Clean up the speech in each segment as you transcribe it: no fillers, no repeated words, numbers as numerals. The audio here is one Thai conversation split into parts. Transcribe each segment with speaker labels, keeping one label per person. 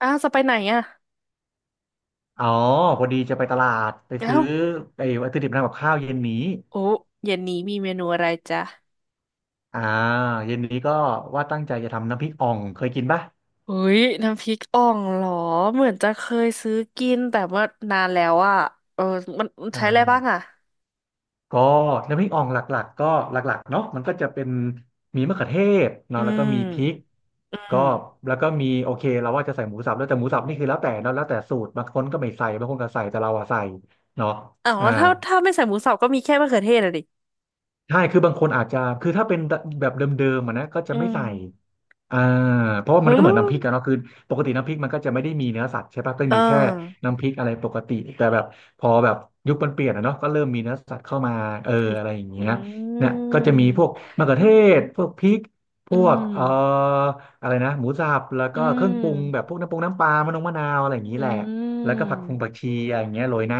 Speaker 1: อ้าวจะไปไหนอ่ะ
Speaker 2: อ๋อพอดีจะไปตลาดไป
Speaker 1: อ้า
Speaker 2: ซื้อ
Speaker 1: ว
Speaker 2: ไอ้วัตถุดิบทำกับข้าวเย็นนี้
Speaker 1: โอ้เย็นนี้มีเมนูอะไรจ๊ะ
Speaker 2: อ่าเย็นนี้ก็ว่าตั้งใจจะทำน้ำพริกอ่องเคยกินปะ
Speaker 1: อุ้ย น้ำพริกอ่องเหรอ เหมือนจะเคยซื้อกินแต่ว่านานแล้วอ่ะเออมัน
Speaker 2: อ่
Speaker 1: ใช้อะไรบ้าง
Speaker 2: า
Speaker 1: อ่ะ
Speaker 2: ก็น้ำพริกอ่องหลักๆก็หลักๆเนาะมันก็จะเป็นมีมะเขือเทศเนาะ
Speaker 1: อื
Speaker 2: แล้วก็มีพริก
Speaker 1: มอื
Speaker 2: ก็
Speaker 1: ม
Speaker 2: แล้วก็มีโอเคเราว่าจะใส่หมูสับแล้วแต่หมูสับนี่คือแล้วแต่เนาะแล้วแต่สูตรบางคนก็ไม่ใส่บางคนก็ใส่แต่เราอะใส่เนาะ
Speaker 1: อ้าว
Speaker 2: อ่า
Speaker 1: แล้วถ้าไม่ใส่หมูสับก็มีแค่มะเขือเทศอ่ะดิ
Speaker 2: ใช่คือบางคนอาจจะคือถ้าเป็นแบบเดิมๆอะนะก็จะ
Speaker 1: อื
Speaker 2: ไม่ใส่
Speaker 1: ม
Speaker 2: อ่าเพราะว่ามัน
Speaker 1: เฮ้
Speaker 2: ก็เหมือนน้ำพ
Speaker 1: อ
Speaker 2: ริกกันเนาะคือปกติน้ำพริกมันก็จะไม่ได้มีเนื้อสัตว์ใช่ปะก็
Speaker 1: เอ
Speaker 2: มีแค่
Speaker 1: อ
Speaker 2: น้ำพริกอะไรปกติแต่แบบพอแบบยุคมันเปลี่ยนอะเนาะก็เริ่มมีเนื้อสัตว์เข้ามาเออ
Speaker 1: พริก
Speaker 2: อะไรอย่างเงี้
Speaker 1: อื
Speaker 2: ยเนี่ยก็จะมีพวก
Speaker 1: ม
Speaker 2: มะเขือเทศพวกพริกพ
Speaker 1: อื
Speaker 2: วก
Speaker 1: ม
Speaker 2: อะไรนะหมูสับแล้ว
Speaker 1: อื
Speaker 2: ก็เครื่องปรุงแบบพ
Speaker 1: ม
Speaker 2: วกน้ำปรุงน้ำปลามะนงมะนาวอะไรอย่างนี้
Speaker 1: อื
Speaker 2: แหละแล้วก็ผั
Speaker 1: ม
Speaker 2: กคงผักชีอะไรอย่างเงี้ยโรยหน้า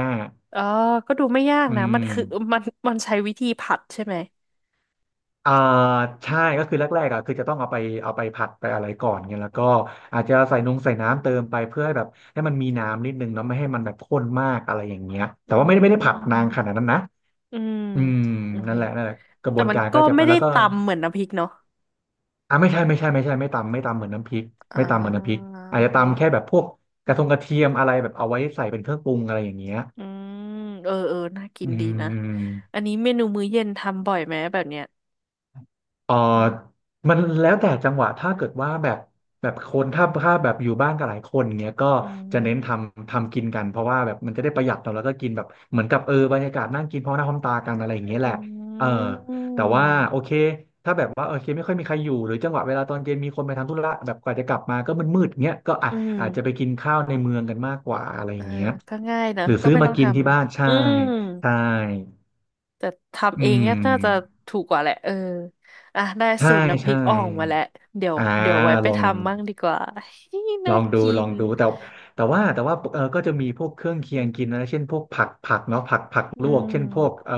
Speaker 1: อ๋อก็ดูไม่ยาก
Speaker 2: อื
Speaker 1: นะมัน
Speaker 2: ม
Speaker 1: คือมันมันใช้วิธีผัดใช่ไหม
Speaker 2: อ่าใช่ก็คือแรกๆอ่ะคือจะต้องเอาไปเอาไปผัดไปอะไรก่อนเงี้ยแล้วก็อาจจะใส่นงใส่น้ำเติมไปเพื่อให้แบบให้มันมีน้ำนิดนึงเนาะไม่ให้มันแบบข้นมากอะไรอย่างเงี้ย
Speaker 1: อื
Speaker 2: แต่ว่าไม่ได้ไม่ได้ผัดนานขนาด
Speaker 1: ม
Speaker 2: นั้นนะ
Speaker 1: อืม
Speaker 2: อืม
Speaker 1: โอเค
Speaker 2: นั่นแหละนั่นแหละกระบ
Speaker 1: แต่
Speaker 2: วน
Speaker 1: มัน
Speaker 2: การก็
Speaker 1: ก็
Speaker 2: จะไป
Speaker 1: ไม่ได้
Speaker 2: แล้วก็
Speaker 1: ตำเหมือนน้ำพริกเนาะ
Speaker 2: ไม่ใช่ไม่ตำไม่ตำเหมือนน้ำพริก
Speaker 1: อ่า
Speaker 2: ไม่ตำเหมือนน้ำพริก
Speaker 1: โอ
Speaker 2: อาจจะ
Speaker 1: เค
Speaker 2: ตำแค่แบบพวกกระทงกระเทียมอะไรแบบเอาไว้ใส่เป็นเครื่องปรุงอะไรอย่างเงี้ย
Speaker 1: อืมเออเออน่ากิ
Speaker 2: อื
Speaker 1: นดีนะอั
Speaker 2: ม
Speaker 1: นนี้เมนูมื้อเย็นทำบ่อยไหมแบบเนี้ย
Speaker 2: เออมันแล้วแต่จังหวะถ้าเกิดว่าแบบแบบคนถ้าแบบอยู่บ้านกับหลายคนเงี้ยก็
Speaker 1: อืม
Speaker 2: จะเน้นทำกินกันเพราะว่าแบบมันจะได้ประหยัดเราะแล้วก็กินแบบเหมือนกับเออบรรยากาศนั่งกินพร้อมหน้าพร้อมตากันอะไรอย่างเงี้ยแห
Speaker 1: อื
Speaker 2: ละเออแต่
Speaker 1: ม
Speaker 2: ว่าโอเคถ้าแบบว่าโอเคไม่ค่อยมีใครอยู่หรือจังหวะเวลาตอนเย็นมีคนไปทำธุระแบบกว่าจะกลับมาก็มืดๆเงี้ยก็อ่ะ
Speaker 1: อืม
Speaker 2: อาจจะไปกินข้าวในเมืองกันมากกว่าอะไรอ
Speaker 1: เออ
Speaker 2: ย่างเงี้ย
Speaker 1: ก็ง่ายนะ
Speaker 2: หรือ
Speaker 1: ก็
Speaker 2: ซื้อ
Speaker 1: ไม่
Speaker 2: มา
Speaker 1: ต้อง
Speaker 2: กิ
Speaker 1: ท
Speaker 2: นที่บ้าน
Speaker 1: ำ
Speaker 2: ใช่
Speaker 1: อืม
Speaker 2: ใช่
Speaker 1: แต่ทำ
Speaker 2: อื
Speaker 1: เอง
Speaker 2: ม
Speaker 1: ก็น่าจะถูกกว่าแหละเอออ่ะได้
Speaker 2: ใช่
Speaker 1: สูตรน้ำพริ
Speaker 2: ใช่
Speaker 1: กอ่องมาแล้วเดี๋ยว
Speaker 2: อ่า
Speaker 1: เดี๋ยวไว้ไป
Speaker 2: ลอง
Speaker 1: ทำมั่งดีกว่า
Speaker 2: ล
Speaker 1: น่า
Speaker 2: องดู
Speaker 1: กิ
Speaker 2: ลอ
Speaker 1: น
Speaker 2: งดูแต่แต่ว่าเออก็จะมีพวกเครื่องเคียงกินนะเช่นพวกผักเนาะผัก
Speaker 1: อื
Speaker 2: ลวกเช่นพวก
Speaker 1: ม
Speaker 2: เออ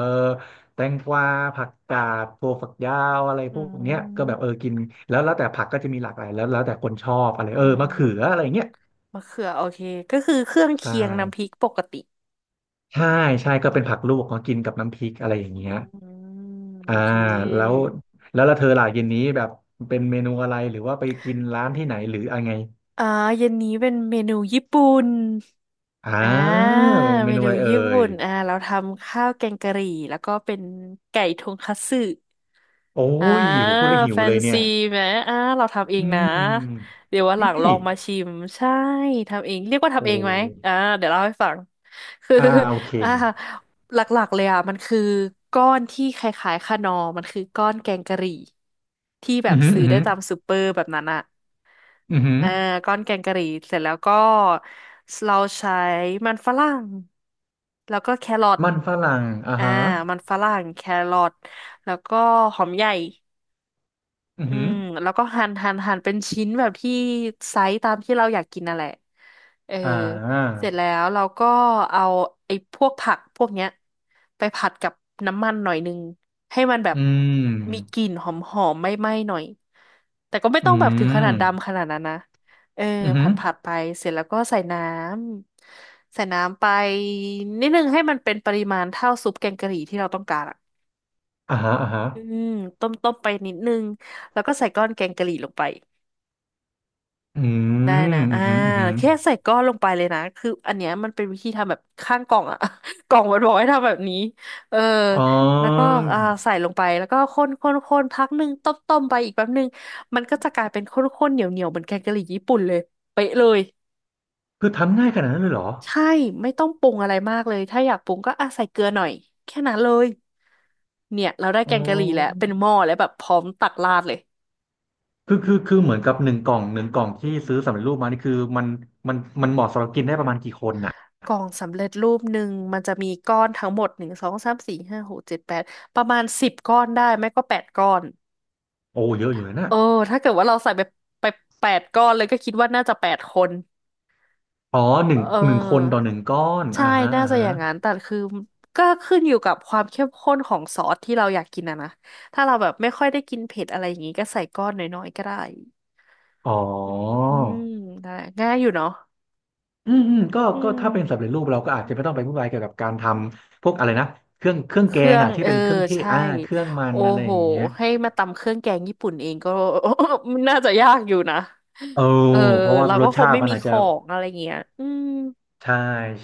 Speaker 2: แตงกวาผักกาดถั่วฝักยาวอะไร
Speaker 1: อื
Speaker 2: พวกเนี้ยก็แบบ
Speaker 1: ม
Speaker 2: เออกินแล้วแต่ผักก็จะมีหลากหลายแล้วแต่คนชอบอะไร
Speaker 1: อื
Speaker 2: เออมะเขือ
Speaker 1: ม
Speaker 2: อะไรเงี้ย
Speaker 1: มะเขือโอเคก็คือเครื่อง
Speaker 2: ใช่
Speaker 1: เคียงน้ำพริกปกติ
Speaker 2: ใช่ใช่ก็เป็นผักลวกเนาะกินกับน้ำพริกอะไรอย่างเงี้ย
Speaker 1: อืมโอ
Speaker 2: อ่า
Speaker 1: เค
Speaker 2: แล้วแล้วแล้วเธอล่ะเย็นนี้แบบเป็นเมนูอะไรหรือว่าไปกินร้านที่ไหนหรืออะไรไง
Speaker 1: อ่าเย็นนี้เป็นเมนูญี่ปุ่น
Speaker 2: อ
Speaker 1: อ่
Speaker 2: ่า
Speaker 1: า
Speaker 2: เม
Speaker 1: เม
Speaker 2: นู
Speaker 1: นู
Speaker 2: อะไรเอ่
Speaker 1: ญี่
Speaker 2: ย
Speaker 1: ปุ่นอ่าเราทำข้าวแกงกะหรี่แล้วก็เป็นไก่ทงคัตสึ
Speaker 2: โอ้
Speaker 1: อ่า
Speaker 2: ยโหพูดแล้วหิว
Speaker 1: แฟ
Speaker 2: เล
Speaker 1: น
Speaker 2: ยเนี่
Speaker 1: ซี
Speaker 2: ย
Speaker 1: ไหมอ่าเราทำเอ
Speaker 2: อื
Speaker 1: งนะ
Speaker 2: ม
Speaker 1: เดี๋ยววัน
Speaker 2: จ
Speaker 1: ห
Speaker 2: ริ
Speaker 1: ลั
Speaker 2: ง
Speaker 1: งลอ
Speaker 2: ดิ
Speaker 1: งมาชิมใช่ทำเองเรียกว่า
Speaker 2: โอ้
Speaker 1: ทำเองไหมอ่า
Speaker 2: ย
Speaker 1: เดี๋ยวเล่าให้ฟังคือ
Speaker 2: โอเค
Speaker 1: อ่าหลักๆเลยอ่ะมันคือก้อนที่คล้ายๆขนอมมันคือก้อนแกงกะหรี่ที่แบ
Speaker 2: อื
Speaker 1: บ
Speaker 2: อหือ
Speaker 1: ซื้
Speaker 2: อื
Speaker 1: อ
Speaker 2: อ
Speaker 1: ได้
Speaker 2: หือ
Speaker 1: ตามซูเปอร์แบบนั้นอ่ะ
Speaker 2: อือหือ
Speaker 1: เออก้อนแกงกะหรี่เสร็จแล้วก็เราใช้มันฝรั่งแล้วก็แครอท
Speaker 2: มันฝรั่งอ่า
Speaker 1: อ่า
Speaker 2: ฮะ
Speaker 1: มันฝรั่งแครอทแล้วก็หอมใหญ่
Speaker 2: อือ
Speaker 1: อื
Speaker 2: หือ
Speaker 1: มแล้วก็หั่นเป็นชิ้นแบบที่ไซส์ตามที่เราอยากกินนั่นแหละเออ
Speaker 2: อ่า
Speaker 1: เสร็จแล้วเราก็เอาไอ้พวกผักพวกเนี้ยไปผัดกับน้ำมันหน่อยนึงให้มันแบบ
Speaker 2: อื
Speaker 1: มีก
Speaker 2: ม
Speaker 1: ลิ่นหอมหอมไหม้ไหม้ๆหน่อยแต่ก็ไม่
Speaker 2: อื
Speaker 1: ต้องแบบถึงขนาดดำข
Speaker 2: ม
Speaker 1: นาดนั้นนะเออ
Speaker 2: อือหื
Speaker 1: ผั
Speaker 2: อ
Speaker 1: ดผัดไปเสร็จแล้วก็ใส่น้ำไปนิดนึงให้มันเป็นปริมาณเท่าซุปแกงกะหรี่ที่เราต้องการอะ
Speaker 2: อ่าฮะอ่าฮะ
Speaker 1: อืมต้มไปนิดนึงแล้วก็ใส่ก้อนแกงกะหรี่ลงไป
Speaker 2: อื
Speaker 1: ได้
Speaker 2: ม
Speaker 1: นะ
Speaker 2: อื
Speaker 1: อ่า
Speaker 2: อหืออือหือ
Speaker 1: แค่ใส่ก้อนลงไปเลยนะคืออันเนี้ยมันเป็นวิธีทำแบบข้างกล่องอะ กล่องมันบอกให้ทำแบบนี้เออ
Speaker 2: อ๋อ
Speaker 1: แล้วก็อ่าใส่ลงไปแล้วก็คนพักหนึ่งต้มไปอีกแป๊บหนึ่งมันก็จะกลายเป็นข้นข้นเหนียวเหนียวเหมือนแกงกะหรี่ญี่ปุ่นเลยเป๊ะเลย
Speaker 2: คือทำง่ายขนาดนั้นเลยเหรอ
Speaker 1: ใช่ไม่ต้องปรุงอะไรมากเลยถ้าอยากปรุงก็อ่ะใส่เกลือหน่อยแค่นั้นเลยเนี่ยเราได้
Speaker 2: อ๋
Speaker 1: แกงกะหรี่แล้ว
Speaker 2: อ
Speaker 1: เป็นหม้อแล้วแบบพร้อมตักราดเลย
Speaker 2: คือคือเหมือนกับหนึ่งกล่องหนึ่งกล่องที่ซื้อสำเร็จรูปมานี่คือมันมันเหมาะสำหรับกินได้ประมาณกี่คนน่ะ
Speaker 1: กล่องสำเร็จรูปหนึ่งมันจะมีก้อนทั้งหมดหนึ่งสองสามสี่ห้าหกเจ็ดแปดประมาณสิบก้อนได้ไม่ก็แปดก้อน
Speaker 2: โอ้เยอะอยู่นะ
Speaker 1: เออถ้าเกิดว่าเราใส่ไปแปดก้อนเลยก็คิดว่าน่าจะแปดคน
Speaker 2: อ๋อห
Speaker 1: เอ
Speaker 2: นึ่
Speaker 1: อ
Speaker 2: งหนึ่งคนต่อหนึ่งก้อน
Speaker 1: ใช่
Speaker 2: อ่าฮะ
Speaker 1: น่า
Speaker 2: อ่า
Speaker 1: จะอ
Speaker 2: ฮะ
Speaker 1: ย่างนั้นแต่คือก็ขึ้นอยู่กับความเข้มข้นของซอสที่เราอยากกินอะนะถ้าเราแบบไม่ค่อยได้กินเผ็ดอะไรอย่างงี้ก็ใส่ก้อนน้อยๆก็ได้
Speaker 2: อ๋อ
Speaker 1: อืมได้ง่ายอยู่เนาะ
Speaker 2: อืมอืมก็
Speaker 1: อื
Speaker 2: ก็
Speaker 1: ม
Speaker 2: ถ้าเป็นสำเร็จรูปเราก็อาจจะไม่ต้องไปวุ่นวายเกี่ยวกับการทำพวกอะไรนะเครื่อง
Speaker 1: เค
Speaker 2: แก
Speaker 1: รื่
Speaker 2: ง
Speaker 1: อง
Speaker 2: อ่ะที่
Speaker 1: เออ
Speaker 2: เป็นเครื่องเทศ
Speaker 1: ใช่
Speaker 2: เครื่องมัน
Speaker 1: โอ้
Speaker 2: อะไร
Speaker 1: โห
Speaker 2: อย่างเงี้ย
Speaker 1: ให้มาตำเครื่องแกงญี่ปุ่นเองก็ น่าจะยากอยู่นะ
Speaker 2: เอ
Speaker 1: เออ
Speaker 2: อเพราะว่า
Speaker 1: เรา
Speaker 2: ร
Speaker 1: ก็
Speaker 2: ส
Speaker 1: คง
Speaker 2: ชา
Speaker 1: ไม่
Speaker 2: ติมัน
Speaker 1: มี
Speaker 2: อาจ
Speaker 1: ข
Speaker 2: จะ
Speaker 1: องอะไรเงี้ยอืม
Speaker 2: ใช่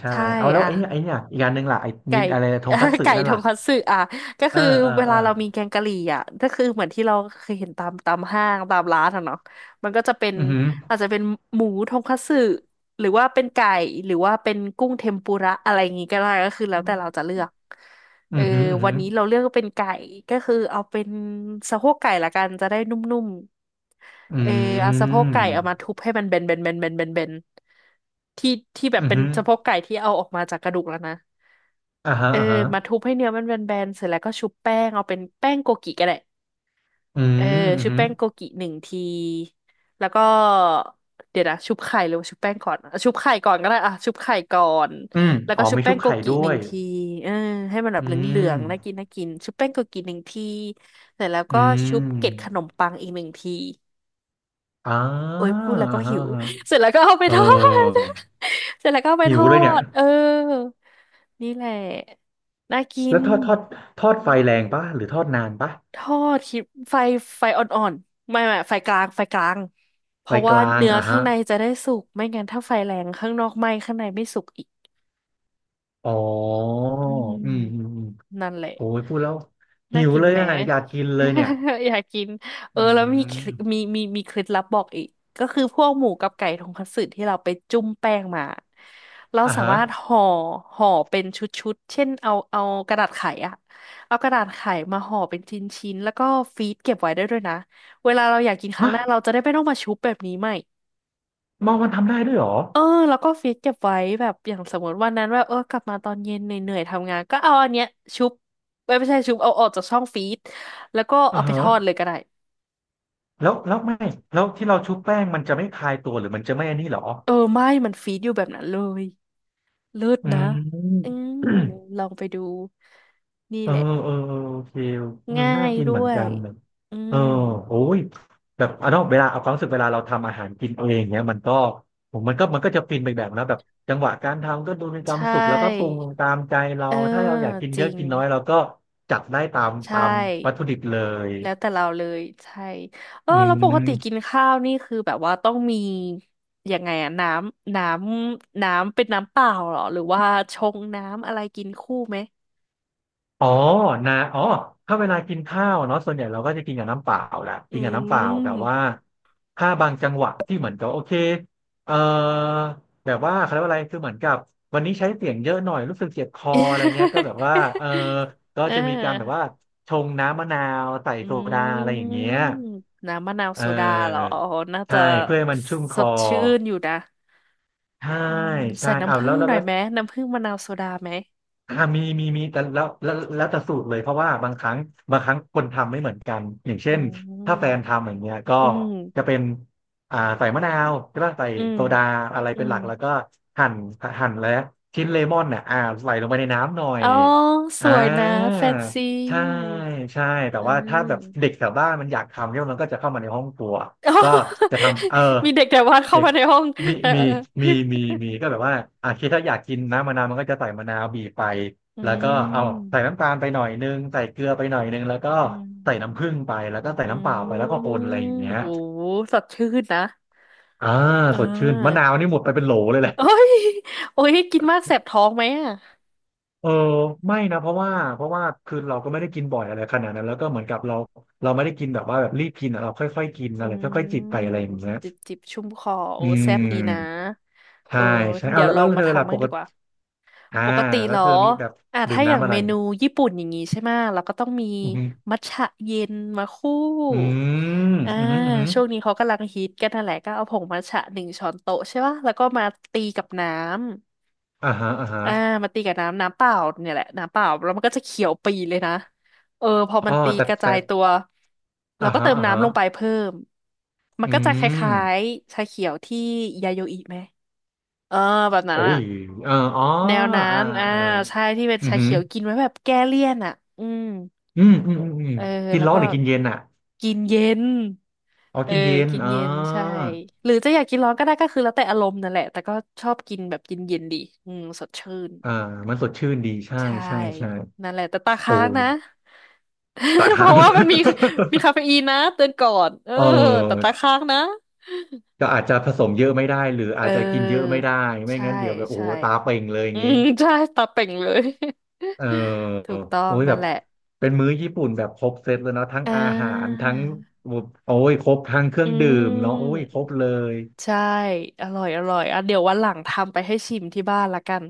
Speaker 2: ใช่
Speaker 1: ใช่
Speaker 2: เอาแล้ว
Speaker 1: อ่ะ
Speaker 2: ไอ้เนี่ยไอ้เนี่ยอีกอย่างหนึ่งล่ะไอ้มิ
Speaker 1: ไก่
Speaker 2: ตอะไรทงคัต สึ
Speaker 1: ไก่
Speaker 2: นั่น
Speaker 1: ท
Speaker 2: ล่ะ
Speaker 1: งคัตสึอ่ะก็
Speaker 2: เอ
Speaker 1: คื
Speaker 2: อ
Speaker 1: อ
Speaker 2: เออ
Speaker 1: เว
Speaker 2: เอ
Speaker 1: ลา
Speaker 2: อ
Speaker 1: เรามีแกงกะหรี่อ่ะก็คือเหมือนที่เราเคยเห็นตามห้างตามร้านอ่ะเนาะมันก็จะเป็น
Speaker 2: อือหือ
Speaker 1: อาจจะเป็นหมูทงคัตสึหรือว่าเป็นไก่หรือว่าเป็นกุ้งเทมปุระอะไรอย่างงี้ก็ได้ก็คือแล้วแต่เราจะเลือก
Speaker 2: อื
Speaker 1: เออ
Speaker 2: อหืออือ
Speaker 1: วั
Speaker 2: หื
Speaker 1: น
Speaker 2: อ
Speaker 1: นี้เราเลือกเป็นไก่ก็คือเอาเป็นสะโพกไก่ละกันจะได้นุ่มๆ
Speaker 2: อื
Speaker 1: เออเอาสะโพก
Speaker 2: ม
Speaker 1: ไก่เอามาทุบให้มันเบนที่ที่แบ
Speaker 2: อื
Speaker 1: บ
Speaker 2: อ
Speaker 1: เป็น
Speaker 2: หือ
Speaker 1: สะโพกไก่ที่เอาออกมาจากกระดูกแล้วนะ
Speaker 2: อ่าฮะ
Speaker 1: เออ
Speaker 2: อ่าฮะ
Speaker 1: มาทุบให้เนื้อมันแบนๆเสร็จแล้วก็ชุบแป้งเอาเป็นแป้งโกกิก็ได้
Speaker 2: อื
Speaker 1: เออ
Speaker 2: มอือ
Speaker 1: ชุบ
Speaker 2: หือ
Speaker 1: แป้งโกกิหนึ่งทีแล้วก็เดี๋ยวนะชุบไข่หรือว่าชุบแป้งก่อนอ่ะชุบไข่ก่อนก็ได้อ่ะชุบไข่ก่อน
Speaker 2: อืม
Speaker 1: แล้วก็
Speaker 2: อ๋อ
Speaker 1: ชุบ
Speaker 2: มี
Speaker 1: แป้
Speaker 2: ชุบ
Speaker 1: งโก
Speaker 2: ไข่
Speaker 1: กิ
Speaker 2: ด้
Speaker 1: ห
Speaker 2: ว
Speaker 1: นึ่ง
Speaker 2: ย
Speaker 1: ทีเออให้มันแบ
Speaker 2: อื
Speaker 1: บเหลืองๆน่ากิ
Speaker 2: ม
Speaker 1: นน่ากินชุบแป้งโกกิหนึ่งทีเสร็จแล้ว
Speaker 2: อื
Speaker 1: ก็ชุบเกล็ดข
Speaker 2: ม
Speaker 1: นมปังอีกหนึ่งที
Speaker 2: อ่า
Speaker 1: โอ้ยพูดแล้วก็
Speaker 2: อ่าฮะ
Speaker 1: หิว
Speaker 2: อ่าฮะ
Speaker 1: เสร็จแล้วก็เอาไป
Speaker 2: เออ
Speaker 1: ทอด เสร็จแล้วก็เอาไป
Speaker 2: หิ
Speaker 1: ท
Speaker 2: ว
Speaker 1: อ
Speaker 2: เลยเนี่ย
Speaker 1: ดเออนี่แหละน่ากิ
Speaker 2: แล้
Speaker 1: น
Speaker 2: วทอดทอดไฟแรงปะหรือทอดนานปะ
Speaker 1: ทอดคิดไฟไฟอ่อนๆไม่ไฟกลางเพ
Speaker 2: ไฟ
Speaker 1: ราะ
Speaker 2: ก
Speaker 1: ว่า
Speaker 2: ลาง
Speaker 1: เนื้อ
Speaker 2: อ่ะ
Speaker 1: ข้า
Speaker 2: ฮะ
Speaker 1: งในจะได้สุกไม่งั้นถ้าไฟแรงข้างนอกไหม้ข้างในไม่สุกอีก
Speaker 2: อ๋อ
Speaker 1: อืม
Speaker 2: อืมอืมอืม
Speaker 1: นั่นแหละ
Speaker 2: โอ้ยพูดแล้วหิ
Speaker 1: น่า
Speaker 2: ว
Speaker 1: กิน
Speaker 2: เลย
Speaker 1: แหม
Speaker 2: อ่ะอยากกินเลยเนี่ย
Speaker 1: อยากกินเอ
Speaker 2: อื
Speaker 1: อแล้วมีมี
Speaker 2: ม
Speaker 1: มีมีเคล็ดลับบอกอีกก็คือพวกหมูกับไก่ทงคัตสึที่เราไปจุ่มแป้งมาเรา
Speaker 2: อ่ะ
Speaker 1: สา
Speaker 2: ฮะ
Speaker 1: มารถห่อห่อเป็นชุดๆเช่นเอากระดาษไขอะเอากระดาษไขมาห่อเป็นชิ้นๆแล้วก็ฟรีซเก็บไว้ได้ด้วยนะเวลาเราอยากกินครั้
Speaker 2: ฮะ
Speaker 1: งหน้าเราจะได้ไม่ต้องมาชุบแบบนี้ใหม่
Speaker 2: มอมันทำได้ด้วยเหรอ
Speaker 1: เออแล้วก็ฟีดเก็บไว้แบบอย่างสมมติวันนั้นว่าเออกลับมาตอนเย็นเหนื่อยๆทำงานก็เอาอันเนี้ยชุบไม่ใช่ชุบเอาออกจากช่องฟีดแล้วก็
Speaker 2: อ่ะ
Speaker 1: เอาไป
Speaker 2: ฮะ
Speaker 1: ทอดเลยก็ได้
Speaker 2: แล้วไม่แล้วที่เราชุบแป้งมันจะไม่คลายตัวหรือมันจะไม่อันนี้เหรอ
Speaker 1: เออไม่มันฟีดอยู่แบบนั้นเลยเลิศ
Speaker 2: อ
Speaker 1: นะ
Speaker 2: ื
Speaker 1: อืม
Speaker 2: ม
Speaker 1: ลองไปดูนี่
Speaker 2: เออ
Speaker 1: แหละ
Speaker 2: เออเออโอเคมัน
Speaker 1: ง่า
Speaker 2: น่า
Speaker 1: ย
Speaker 2: กิน
Speaker 1: ด้
Speaker 2: เหมือน
Speaker 1: ว
Speaker 2: กั
Speaker 1: ย
Speaker 2: นเนี่ย
Speaker 1: อื
Speaker 2: เออ
Speaker 1: ม
Speaker 2: โอ้ยแบบเนาะเวลาเอาความรู้สึกเวลาเราทำอาหารกินเองเนี้ยมันก็ผมมันก็จะฟินไปแบบนะแบบจังหวะการทำก็ดูมีค
Speaker 1: ใช
Speaker 2: วามสุขแล้วก็ปรุง
Speaker 1: ่
Speaker 2: ตามใจเรา
Speaker 1: เออ
Speaker 2: ถ้าเราอยากกิน
Speaker 1: จ
Speaker 2: เย
Speaker 1: ริ
Speaker 2: อะ
Speaker 1: ง
Speaker 2: กินน้อยเราก็จัดได้ตาม
Speaker 1: ใช่
Speaker 2: ตามวัตถุดิบเลย
Speaker 1: แล้วแต่เราเลยใช่เออ
Speaker 2: อื
Speaker 1: แล้วปกติกิน
Speaker 2: ม
Speaker 1: ข้าวนี่คือแบบว่าต้องมียังไงอะำน้น้ำเป็นน้ำเปล่าเหรอหรือว่าชงน้ำอะไรกินคู่ไหม
Speaker 2: อ๋อนะอ๋อถ้าเวลากินข้าวเนาะส่วนใหญ่เราก็จะกินกับน้ำเปล่าแหละ
Speaker 1: อื
Speaker 2: กินกับน้ำเปล่าแต่
Speaker 1: ม
Speaker 2: ว่าถ้าบางจังหวะที่เหมือนกับโอเคเอ่อแบบว่าเขาเรียกว่าอะไร คือเหมือนกับวันนี้ใช้เสียงเยอะหน่อย รู้สึกเจ็บคออะไรเงี้ยก็แบบว่าเออ ก็
Speaker 1: เออ
Speaker 2: จะมีการแบบว่าชงน้ำมะนาวใส่
Speaker 1: อื
Speaker 2: โซดาอะไรอย่างเงี้ย
Speaker 1: มน้ำมะนาว
Speaker 2: เ
Speaker 1: โซดาเหรอ
Speaker 2: ออ
Speaker 1: อ๋อน่า
Speaker 2: ใช่
Speaker 1: จะ
Speaker 2: เพื่อให้มันชุ่มค
Speaker 1: ส
Speaker 2: อ
Speaker 1: ดชื่นอยู่นะ
Speaker 2: ใช่
Speaker 1: อืม
Speaker 2: ใช่
Speaker 1: ใส่
Speaker 2: เอา
Speaker 1: น้ำ
Speaker 2: ว
Speaker 1: ผึ้
Speaker 2: แล้
Speaker 1: ง
Speaker 2: วแล้
Speaker 1: ห
Speaker 2: ว
Speaker 1: น่อย
Speaker 2: แล้ว
Speaker 1: ไหมน้ำผึ้งมะนาวโซดาไหม
Speaker 2: มีมีมีแต่แล้วแต่สูตรเลยเพราะว่าบางครั้งคนทำไม่เหมือนกันอย่าง
Speaker 1: อื
Speaker 2: เช่นถ้าแฟ
Speaker 1: ม
Speaker 2: นทำอย่างเงี้ยก็
Speaker 1: อื
Speaker 2: จะ
Speaker 1: ม
Speaker 2: เป็นใส่มะนาวใช่ป่ะใส่
Speaker 1: อืม
Speaker 2: โซดาอะไร
Speaker 1: อื
Speaker 2: เป็นห
Speaker 1: ม
Speaker 2: ลักแล้วก็หั่นหั่นและชิ้นเลมอนเนี่ยใส่ลงไปในน้ำหน่อย
Speaker 1: อ๋อส
Speaker 2: อ่า
Speaker 1: วยนะแฟนซี
Speaker 2: ใช่ใช่แต่
Speaker 1: อื
Speaker 2: ว่าถ้า
Speaker 1: ม
Speaker 2: แบบเด็กแถวบ้านมันอยากทำเนี่ยมันก็จะเข้ามาในห้องครัว
Speaker 1: อ๋อ
Speaker 2: ก็จะทำเออ
Speaker 1: มีเด็กแต่วาดเข้า
Speaker 2: เด็ก
Speaker 1: มาในห้อง
Speaker 2: มี
Speaker 1: เออ
Speaker 2: มี
Speaker 1: เออ
Speaker 2: มีมี
Speaker 1: เออ
Speaker 2: มีก็แบบว่าอ่ะคิดถ้าอยากกินน้ำมะนาวมันก็จะใส่มะนาวบีบไป
Speaker 1: อื
Speaker 2: แล้วก็เอา
Speaker 1: ม
Speaker 2: ใส่น้ำตาลไปหน่อยนึงใส่เกลือไปหน่อยนึงแล้วก็
Speaker 1: อืม
Speaker 2: ใส่น้ำผึ้งไป แล้วก็ใส่
Speaker 1: อื
Speaker 2: น้ำเปล่าไปแล้วก็ค
Speaker 1: ม
Speaker 2: นอะไรอย่างเงี้ย
Speaker 1: โอ้โหสดชื่นนะ
Speaker 2: อ่า
Speaker 1: อ่
Speaker 2: สดชื่นมะนา
Speaker 1: า
Speaker 2: วนี่หมดไปเป็นโหลเลยแหละ
Speaker 1: โอ้ยโอ้ยกินมากแสบท้องไหมอ่ะ
Speaker 2: เออไม่นะเพราะว่าคือเราก็ไม่ได้กินบ่อยอะไรขนาดนั้นแล้วก็เหมือนกับเราเราไม่ได้กินแบบว่าแบบรีบกินอะเราค่อยๆกิน
Speaker 1: อื
Speaker 2: อะไรค่อยๆจิบไปอะ
Speaker 1: ม
Speaker 2: ไรอย่างเงี้ย
Speaker 1: จิบจิบชุ่มคอโอ้
Speaker 2: อื
Speaker 1: แซบดีนะ
Speaker 2: ม
Speaker 1: เอ
Speaker 2: ใช่
Speaker 1: อ
Speaker 2: ใช่เอา
Speaker 1: เดี๋ยว
Speaker 2: แล้ว
Speaker 1: ลอ
Speaker 2: แล้ว
Speaker 1: งมา
Speaker 2: เธอล่ะ
Speaker 1: ทำบ้า
Speaker 2: ป
Speaker 1: ง
Speaker 2: ก
Speaker 1: ดีก
Speaker 2: ติ
Speaker 1: ว่า
Speaker 2: อ่า
Speaker 1: ปกติ
Speaker 2: แล้
Speaker 1: เหร
Speaker 2: ว
Speaker 1: อ
Speaker 2: เธอมีแบบ
Speaker 1: อ่ะ
Speaker 2: ดื่ม
Speaker 1: ถ้าอย่าง
Speaker 2: น้ำอะ
Speaker 1: เม
Speaker 2: ไร
Speaker 1: นูญี่ปุ่นอย่างงี้ใช่ไหมะเราก็ต้องมี
Speaker 2: อืออ
Speaker 1: มัทฉะเย็นมาคู่
Speaker 2: ืม
Speaker 1: อ่า
Speaker 2: อืออือ
Speaker 1: ช่วงนี้
Speaker 2: อ
Speaker 1: เขากำลังฮิตกันนั่นแหละก็เอาผงมัทฉะหนึ่งช้อนโต๊ะใช่ป่ะแล้วก็มาตีกับน้
Speaker 2: ่าฮะอ่าฮะ
Speaker 1: ำอ่ามาตีกับเปล่าเนี่ยแหละน้ำเปล่าแล้วมันก็จะเขียวปีเลยนะ เออพอมั
Speaker 2: อ๋อ
Speaker 1: นตี
Speaker 2: แต่
Speaker 1: กระจา
Speaker 2: แต่
Speaker 1: ยตัว เรา
Speaker 2: อ่า
Speaker 1: ก็
Speaker 2: ฮะ
Speaker 1: เติม
Speaker 2: อ่าฮะ
Speaker 1: น้ำลงไปเพิ่ม มั
Speaker 2: อื
Speaker 1: นก็จะค
Speaker 2: ม
Speaker 1: ล้ายๆชาเขียวที่ยาโยอิไหม เออแบบนั้
Speaker 2: โอ้
Speaker 1: นอะ
Speaker 2: ยเอออ๋อ
Speaker 1: แนวนั้
Speaker 2: อ่า
Speaker 1: นอ่า
Speaker 2: อ่า
Speaker 1: ใช่ที่เป็น
Speaker 2: อือ
Speaker 1: ชา
Speaker 2: อ
Speaker 1: เขียวกินไว้แบบแก้เลี่ยนอะอืม
Speaker 2: อืมอืมอืมอืม
Speaker 1: เออ
Speaker 2: กิน
Speaker 1: แล้ว
Speaker 2: ร้อน
Speaker 1: ก็
Speaker 2: หรือกินเย็นอ่ะ
Speaker 1: กินเย็น
Speaker 2: อ๋อ
Speaker 1: เออ
Speaker 2: กินเย็น
Speaker 1: กิน
Speaker 2: อ๋อ
Speaker 1: เย็นใช่หรือจะอยากกินร้อนก็ได้ก็คือแล้วแต่อารมณ์นั่นแหละแต่ก็ชอบกินแบบเย็นๆดีอืมสดชื่น
Speaker 2: อ่ามันสดชื่นดีใช่
Speaker 1: ใช่
Speaker 2: ใช่ใช่
Speaker 1: นั่นแหละแต่ตา
Speaker 2: โอ้
Speaker 1: ค้างนะ
Speaker 2: ตา
Speaker 1: เพ
Speaker 2: ค้า
Speaker 1: ราะ
Speaker 2: ง
Speaker 1: ว่ามันมีคาเฟอีนนะเตือนก่อนเออ
Speaker 2: เอ
Speaker 1: แต่
Speaker 2: อ
Speaker 1: ตาค้างนะ
Speaker 2: ก็อาจจะผสมเยอะไม่ได้หรือ
Speaker 1: เอ
Speaker 2: อาจจะกินเยอะ
Speaker 1: อ
Speaker 2: ไม่ได้ไม่
Speaker 1: ใช่
Speaker 2: งั้นเดี๋ยวแบบโอ้
Speaker 1: ใช่
Speaker 2: โหตาเป่งเลยอย่า
Speaker 1: อื
Speaker 2: งนี้
Speaker 1: ม ใช่ตาเป่งเลย
Speaker 2: เออ
Speaker 1: ถูกต้อ
Speaker 2: โอ้
Speaker 1: ง
Speaker 2: ยแบ
Speaker 1: นั่น
Speaker 2: บ
Speaker 1: แหละ
Speaker 2: เป็นมื้อญี่ปุ่นแบบครบเซตเลยเนาะทั้ง
Speaker 1: อ่
Speaker 2: อาหาร
Speaker 1: า
Speaker 2: ทั้งโอ้ยครบทั้งเครื่
Speaker 1: อื
Speaker 2: องดื่มเนาะโอ้ย
Speaker 1: ม
Speaker 2: ครบเลย
Speaker 1: ใช่อร่อยอร่อยอ่ะเดี๋ยววันหลังทำไปให้ชิมที่บ้านละกัน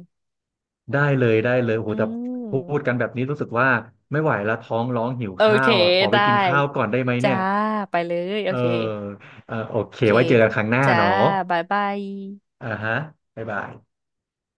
Speaker 2: ได้เลยได้เลยโอ้
Speaker 1: อื
Speaker 2: โหแต่พูดกัน
Speaker 1: ม
Speaker 2: แบบนี้รู้สึกว่าไม่ไหวแล้วท้องร้องหิว
Speaker 1: โอ
Speaker 2: ข้า
Speaker 1: เค
Speaker 2: วอ่ะขอไป
Speaker 1: ได้
Speaker 2: กินข้าวก่อนได้ไหม
Speaker 1: จ้า
Speaker 2: เนี่ย
Speaker 1: ไปเลยโอ
Speaker 2: เออ
Speaker 1: เค
Speaker 2: เออโอเค
Speaker 1: โอเค
Speaker 2: ไว้เจอกันครั้งหน้า
Speaker 1: จ้า
Speaker 2: เนาะ
Speaker 1: บายบาย
Speaker 2: อ่าฮะบ๊ายบาย